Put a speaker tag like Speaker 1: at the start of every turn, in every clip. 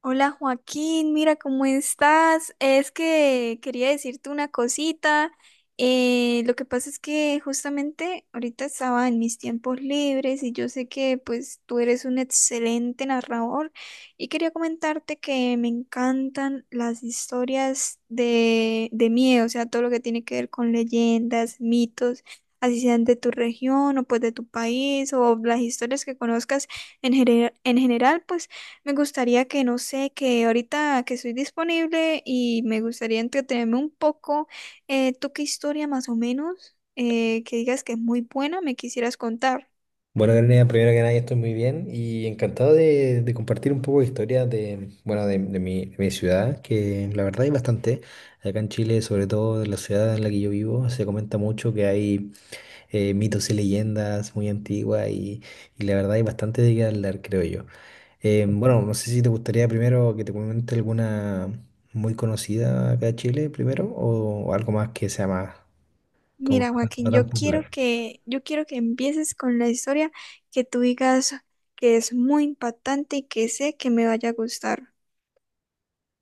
Speaker 1: Hola Joaquín, mira cómo estás. Es que quería decirte una cosita. Lo que pasa es que justamente ahorita estaba en mis tiempos libres y yo sé que pues tú eres un excelente narrador y quería comentarte que me encantan las historias de miedo, o sea, todo lo que tiene que ver con leyendas, mitos, así sean de tu región o pues de tu país o las historias que conozcas en, en general, pues. Me gustaría que, no sé, que ahorita que soy disponible y me gustaría entretenerme un poco, ¿tú qué historia más o menos que digas que es muy buena me quisieras contar?
Speaker 2: Bueno, Karina, primero que nada, yo estoy muy bien y encantado de compartir un poco de historia de, bueno, de mi ciudad, que la verdad hay bastante. Acá en Chile, sobre todo en la ciudad en la que yo vivo, se comenta mucho que hay mitos y leyendas muy antiguas y, la verdad hay bastante de qué hablar, creo yo. Bueno, no sé si te gustaría primero que te comente alguna muy conocida acá en Chile primero o algo más que sea más, como
Speaker 1: Mira,
Speaker 2: no
Speaker 1: Joaquín,
Speaker 2: tan popular.
Speaker 1: yo quiero que empieces con la historia que tú digas que es muy impactante y que sé que me vaya a gustar.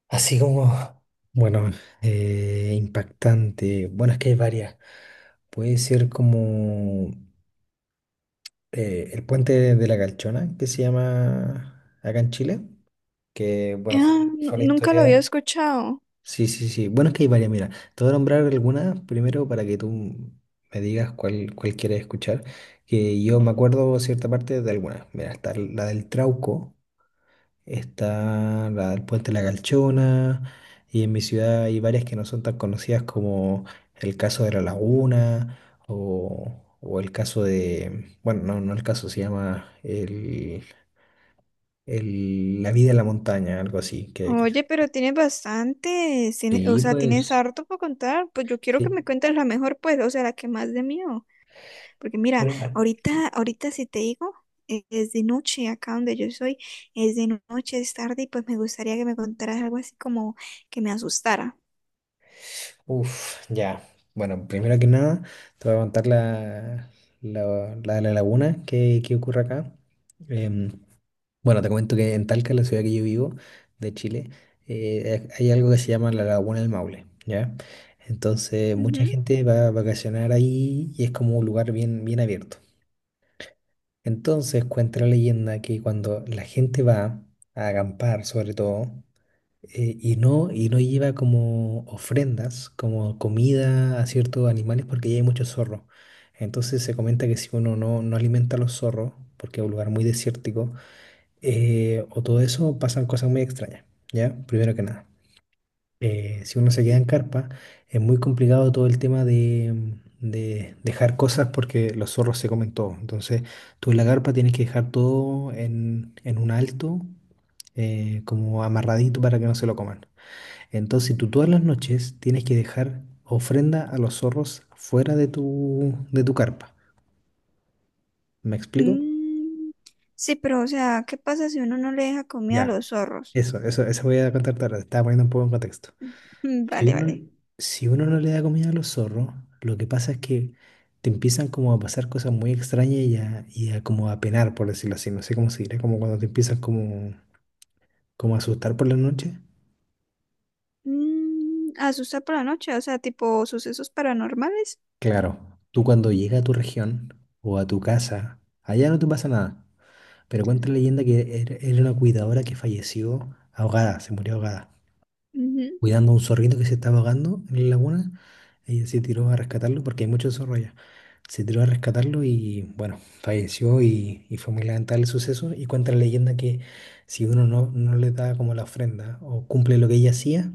Speaker 2: Así como, bueno, impactante. Bueno, es que hay varias. Puede ser como el puente de la Calchona, que se llama acá en Chile, que, bueno,
Speaker 1: Ah,
Speaker 2: fue, fue la
Speaker 1: nunca lo había
Speaker 2: historia.
Speaker 1: escuchado.
Speaker 2: Sí, sí, sí. Bueno, es que hay varias. Mira, te voy a nombrar algunas primero para que tú me digas cuál quieres escuchar, que yo me acuerdo cierta parte de algunas. Mira, está la del Trauco, está el puente La Calchona, y en mi ciudad hay varias que no son tan conocidas como el caso de La Laguna o el caso de, bueno, no, no el caso, se llama La vida en la montaña, algo así.
Speaker 1: Oye, pero tienes bastante, o
Speaker 2: Sí,
Speaker 1: sea, tienes
Speaker 2: pues.
Speaker 1: harto para contar. Pues yo quiero que
Speaker 2: Sí.
Speaker 1: me cuentes la mejor, pues, o sea, la que más de mí. Porque mira,
Speaker 2: Bueno, ah, sí.
Speaker 1: ahorita si te digo, es de noche acá donde yo soy, es de noche, es tarde y pues me gustaría que me contaras algo así como que me asustara.
Speaker 2: Uf, ya. Bueno, primero que nada, te voy a contar la de la laguna que ocurre acá. Em, Bueno, te comento que en Talca, la ciudad que yo vivo, de Chile, hay algo que se llama la Laguna del Maule, ¿ya? Entonces, mucha
Speaker 1: Ujú.
Speaker 2: gente va a vacacionar ahí y es como un lugar bien, bien abierto. Entonces, cuenta la leyenda que cuando la gente va a acampar, sobre todo, y no lleva como ofrendas, como comida a ciertos animales, porque ya hay muchos zorros. Entonces, se comenta que si uno no alimenta a los zorros, porque es un lugar muy desértico, o todo eso, pasan cosas muy extrañas, ¿ya? Primero que nada. Si uno se queda en carpa, es muy complicado todo el tema de dejar cosas porque los zorros se comen todo. Entonces, tú en la carpa tienes que dejar todo en un alto, como amarradito para que no se lo coman. Entonces, tú todas las noches tienes que dejar ofrenda a los zorros fuera de tu carpa. ¿Me explico?
Speaker 1: Mm, sí, pero o sea, ¿qué pasa si uno no le deja comida a
Speaker 2: Ya.
Speaker 1: los zorros?
Speaker 2: Eso voy a contar tarde. Estaba poniendo un poco en contexto.
Speaker 1: Mm,
Speaker 2: Si
Speaker 1: vale,
Speaker 2: uno,
Speaker 1: vale.
Speaker 2: si uno no le da comida a los zorros, lo que pasa es que te empiezan como a pasar cosas muy extrañas y a como a penar, por decirlo así. No sé cómo se dirá, como cuando te empiezan como a asustar por la noche.
Speaker 1: Mm, asustar por la noche, o sea, tipo sucesos paranormales.
Speaker 2: Claro, tú cuando llegas a tu región o a tu casa, allá no te pasa nada. Pero cuenta la leyenda que era una cuidadora que falleció ahogada, se murió ahogada,
Speaker 1: Ujú.
Speaker 2: cuidando a un zorrito que se estaba ahogando en la laguna. Ella se tiró a rescatarlo porque hay muchos zorros allá. Se tiró a rescatarlo y bueno, falleció y, fue muy lamentable el suceso. Y cuenta la leyenda que si uno no le da como la ofrenda o cumple lo que ella hacía,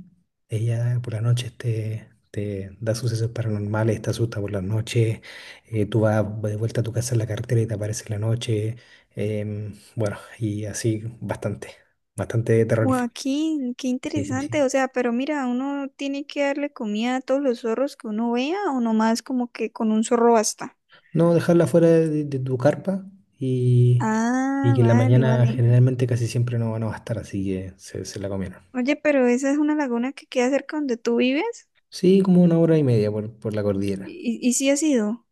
Speaker 2: ella por la noche te da sucesos paranormales, te asusta por la noche, tú vas de vuelta a tu casa en la carretera y te aparece en la noche. Bueno, y así bastante, bastante terrorífico.
Speaker 1: Joaquín, qué
Speaker 2: Sí, sí, sí.
Speaker 1: interesante, o sea, pero mira, uno tiene que darle comida a todos los zorros que uno vea o nomás como que con un zorro basta.
Speaker 2: No, dejarla fuera de tu carpa y, y
Speaker 1: Ah,
Speaker 2: que en la
Speaker 1: vale,
Speaker 2: mañana
Speaker 1: vale.
Speaker 2: generalmente casi siempre no van a estar, así que se la comieron.
Speaker 1: Oye, pero esa es una laguna que queda cerca donde tú vives.
Speaker 2: Sí, como una hora y media por la cordillera.
Speaker 1: Y sí ha sido.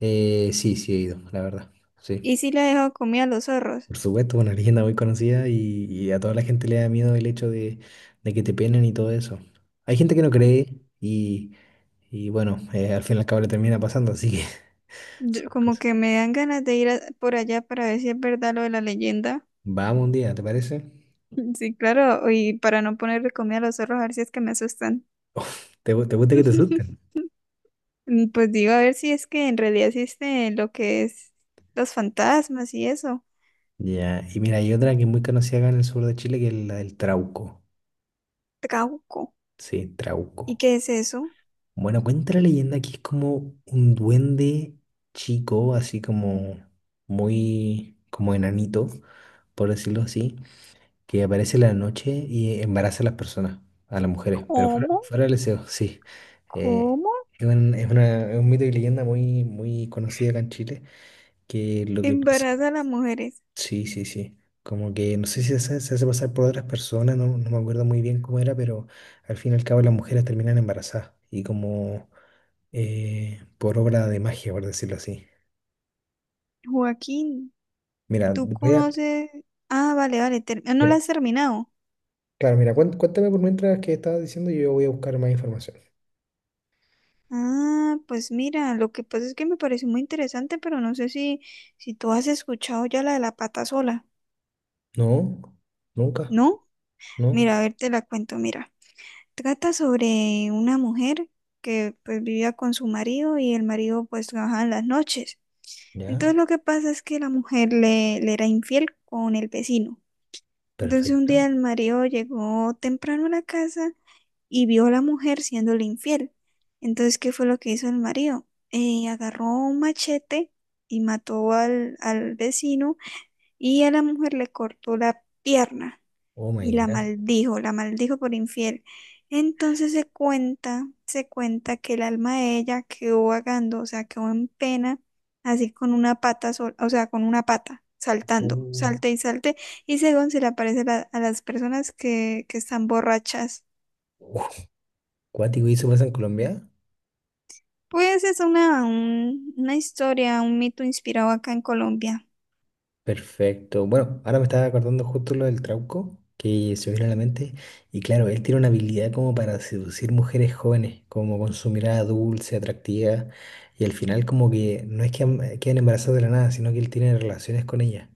Speaker 2: Sí, sí he ido, la verdad. Sí,
Speaker 1: Y sí le ha dejado comida a los zorros.
Speaker 2: por supuesto, una leyenda muy conocida y, a toda la gente le da miedo el hecho de que te penen y todo eso. Hay gente que no cree y, bueno, al fin y al cabo le termina pasando, así que son
Speaker 1: Como
Speaker 2: cosas.
Speaker 1: que me dan ganas de por allá para ver si es verdad lo de la leyenda.
Speaker 2: Vamos un día, ¿te parece?
Speaker 1: Sí, claro. Y para no ponerle comida a los zorros, a ver si es que me asustan.
Speaker 2: Uf, te gusta que te asusten?
Speaker 1: Mm, pues digo, a ver si es que en realidad existe lo que es los fantasmas y eso.
Speaker 2: Ya, y mira, hay otra que es muy conocida acá en el sur de Chile, que es la del Trauco.
Speaker 1: Trauco.
Speaker 2: Sí,
Speaker 1: ¿Y
Speaker 2: Trauco.
Speaker 1: qué es eso?
Speaker 2: Bueno, cuenta la leyenda que es como un duende chico, así como muy, como enanito, por decirlo así, que aparece en la noche y embaraza a las personas, a las mujeres, pero fuera,
Speaker 1: ¿Cómo?
Speaker 2: fuera del deseo, sí. Eh,
Speaker 1: ¿Cómo?
Speaker 2: es un mito y leyenda muy, muy conocida acá en Chile, que lo que pasa.
Speaker 1: Embaraza a las mujeres.
Speaker 2: Sí, sí, sí. Como que no sé si se hace pasar por otras personas, no me acuerdo muy bien cómo era, pero al fin y al cabo las mujeres terminan embarazadas y como por obra de magia, por decirlo así.
Speaker 1: Joaquín.
Speaker 2: Mira,
Speaker 1: ¿Tú
Speaker 2: voy a...
Speaker 1: conoces? Ah, vale, vale, ah, no la
Speaker 2: Mira,
Speaker 1: has terminado.
Speaker 2: claro, mira, cuéntame por mientras que estabas diciendo y yo voy a buscar más información.
Speaker 1: Ah, pues mira, lo que pasa es que me pareció muy interesante, pero no sé si, si tú has escuchado ya la de la pata sola,
Speaker 2: No, nunca,
Speaker 1: ¿no?
Speaker 2: no,
Speaker 1: Mira, a ver, te la cuento, mira. Trata sobre una mujer que pues vivía con su marido y el marido pues trabajaba en las noches.
Speaker 2: ya,
Speaker 1: Entonces lo que pasa es que la mujer le era infiel con el vecino. Entonces un
Speaker 2: perfecto.
Speaker 1: día el marido llegó temprano a la casa y vio a la mujer siéndole infiel. Entonces, ¿qué fue lo que hizo el marido? Agarró un machete y mató al vecino y a la mujer le cortó la pierna
Speaker 2: Oh
Speaker 1: y
Speaker 2: my God.
Speaker 1: la maldijo por infiel. Entonces se cuenta que el alma de ella quedó vagando, o sea, quedó en pena, así con una pata sola, o sea, con una pata, saltando,
Speaker 2: Uh,
Speaker 1: salte y salte, y según se le aparece a las personas que están borrachas.
Speaker 2: uh, cuático, ¿y eso pasa en Colombia?
Speaker 1: Pues es una, una historia, un mito inspirado acá en Colombia.
Speaker 2: Perfecto. Bueno, ahora me estaba acordando justo lo del Trauco, que se me vino a la mente. Y claro, él tiene una habilidad como para seducir mujeres jóvenes, como con su mirada dulce, atractiva. Y al final como que no es que queden embarazadas de la nada, sino que él tiene relaciones con ellas.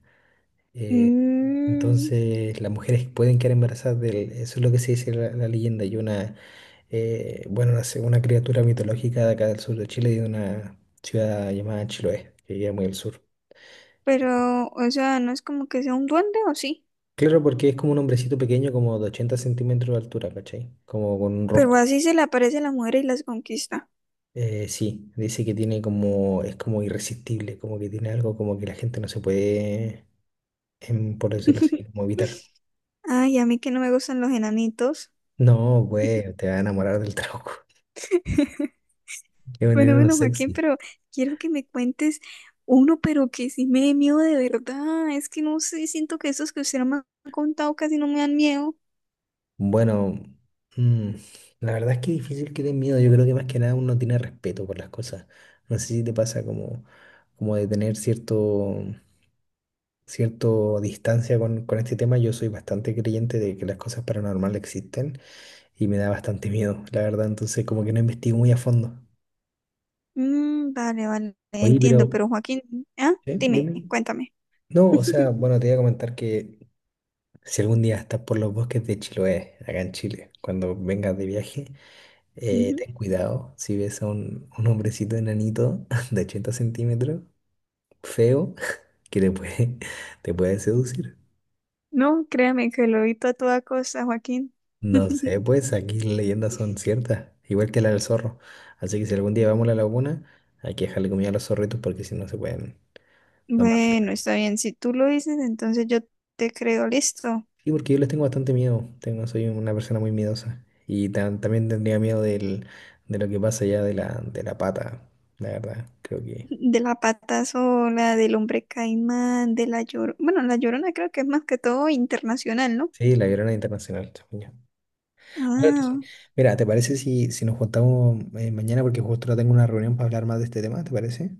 Speaker 2: Eh,
Speaker 1: Mm,
Speaker 2: entonces las mujeres pueden quedar embarazadas de él. Eso es lo que se dice la leyenda. Y una, bueno, una criatura mitológica de acá del sur de Chile, de una ciudad llamada Chiloé, que queda muy al sur.
Speaker 1: pero, o sea, no es como que sea un duende o sí.
Speaker 2: Claro, porque es como un hombrecito pequeño, como de 80 centímetros de altura, ¿cachai? Como con un
Speaker 1: Pero
Speaker 2: rostro.
Speaker 1: así se le aparece a la mujer y las conquista.
Speaker 2: Sí, dice que tiene como, es como irresistible, como que tiene algo como que la gente no se puede, por decirlo así, como evitar.
Speaker 1: Ay, a mí que no me gustan los enanitos.
Speaker 2: No, pues, te va a enamorar del trago. Es un
Speaker 1: Bueno,
Speaker 2: enano
Speaker 1: bueno, Joaquín,
Speaker 2: sexy.
Speaker 1: pero quiero que me cuentes uno, pero que sí me dé miedo de verdad. Es que no sé, siento que esos que usted no me ha contado casi no me dan miedo.
Speaker 2: Bueno, mm, la verdad es que es difícil que den miedo. Yo creo que más que nada uno tiene respeto por las cosas. No sé si te pasa como, de tener cierto, cierto distancia con este tema. Yo soy bastante creyente de que las cosas paranormales existen y me da bastante miedo, la verdad, entonces como que no investigo muy a fondo.
Speaker 1: Mm, vale, vale,
Speaker 2: Oye,
Speaker 1: entiendo,
Speaker 2: pero,
Speaker 1: pero Joaquín, ¿ah?
Speaker 2: ¿eh?
Speaker 1: Dime,
Speaker 2: Dime.
Speaker 1: cuéntame.
Speaker 2: No, o sea, bueno, te voy a comentar que si algún día estás por los bosques de Chiloé, acá en Chile, cuando vengas de viaje,
Speaker 1: Ujú.
Speaker 2: ten cuidado si ves a un hombrecito enanito de 80 centímetros, feo, que te puede seducir.
Speaker 1: No, créame que lo evito a toda costa, Joaquín.
Speaker 2: No sé, pues aquí las leyendas son ciertas, igual que la del zorro. Así que si algún día vamos a la laguna, hay que dejarle comida a los zorritos porque si no se pueden tomar la
Speaker 1: Bueno,
Speaker 2: pena.
Speaker 1: está bien, si tú lo dices, entonces yo te creo, listo.
Speaker 2: Sí, porque yo les tengo bastante miedo. Tengo, soy una persona muy miedosa. Y también tendría miedo de lo que pasa ya de la pata, la verdad. Creo que.
Speaker 1: De la pata sola, del hombre caimán, de la llorona. Bueno, la llorona creo que es más que todo internacional, ¿no?
Speaker 2: Sí, la Llorona Internacional, según yo. Bueno, entonces,
Speaker 1: Ah,
Speaker 2: mira, ¿te parece si nos juntamos mañana? Porque justo ahora tengo una reunión para hablar más de este tema, ¿te parece?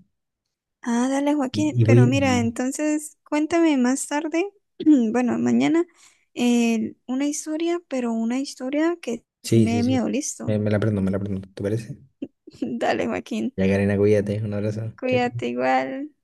Speaker 1: ah, dale,
Speaker 2: Y,
Speaker 1: Joaquín.
Speaker 2: y voy.
Speaker 1: Pero mira, entonces cuéntame más tarde, bueno, mañana, una historia, pero una historia que sí
Speaker 2: Sí,
Speaker 1: me
Speaker 2: sí,
Speaker 1: dé miedo,
Speaker 2: sí.
Speaker 1: listo.
Speaker 2: Me la prendo, me la prendo. ¿Te parece?
Speaker 1: Dale, Joaquín.
Speaker 2: Ya, Karina, cuídate. Un abrazo. Chao, chao.
Speaker 1: Cuídate igual.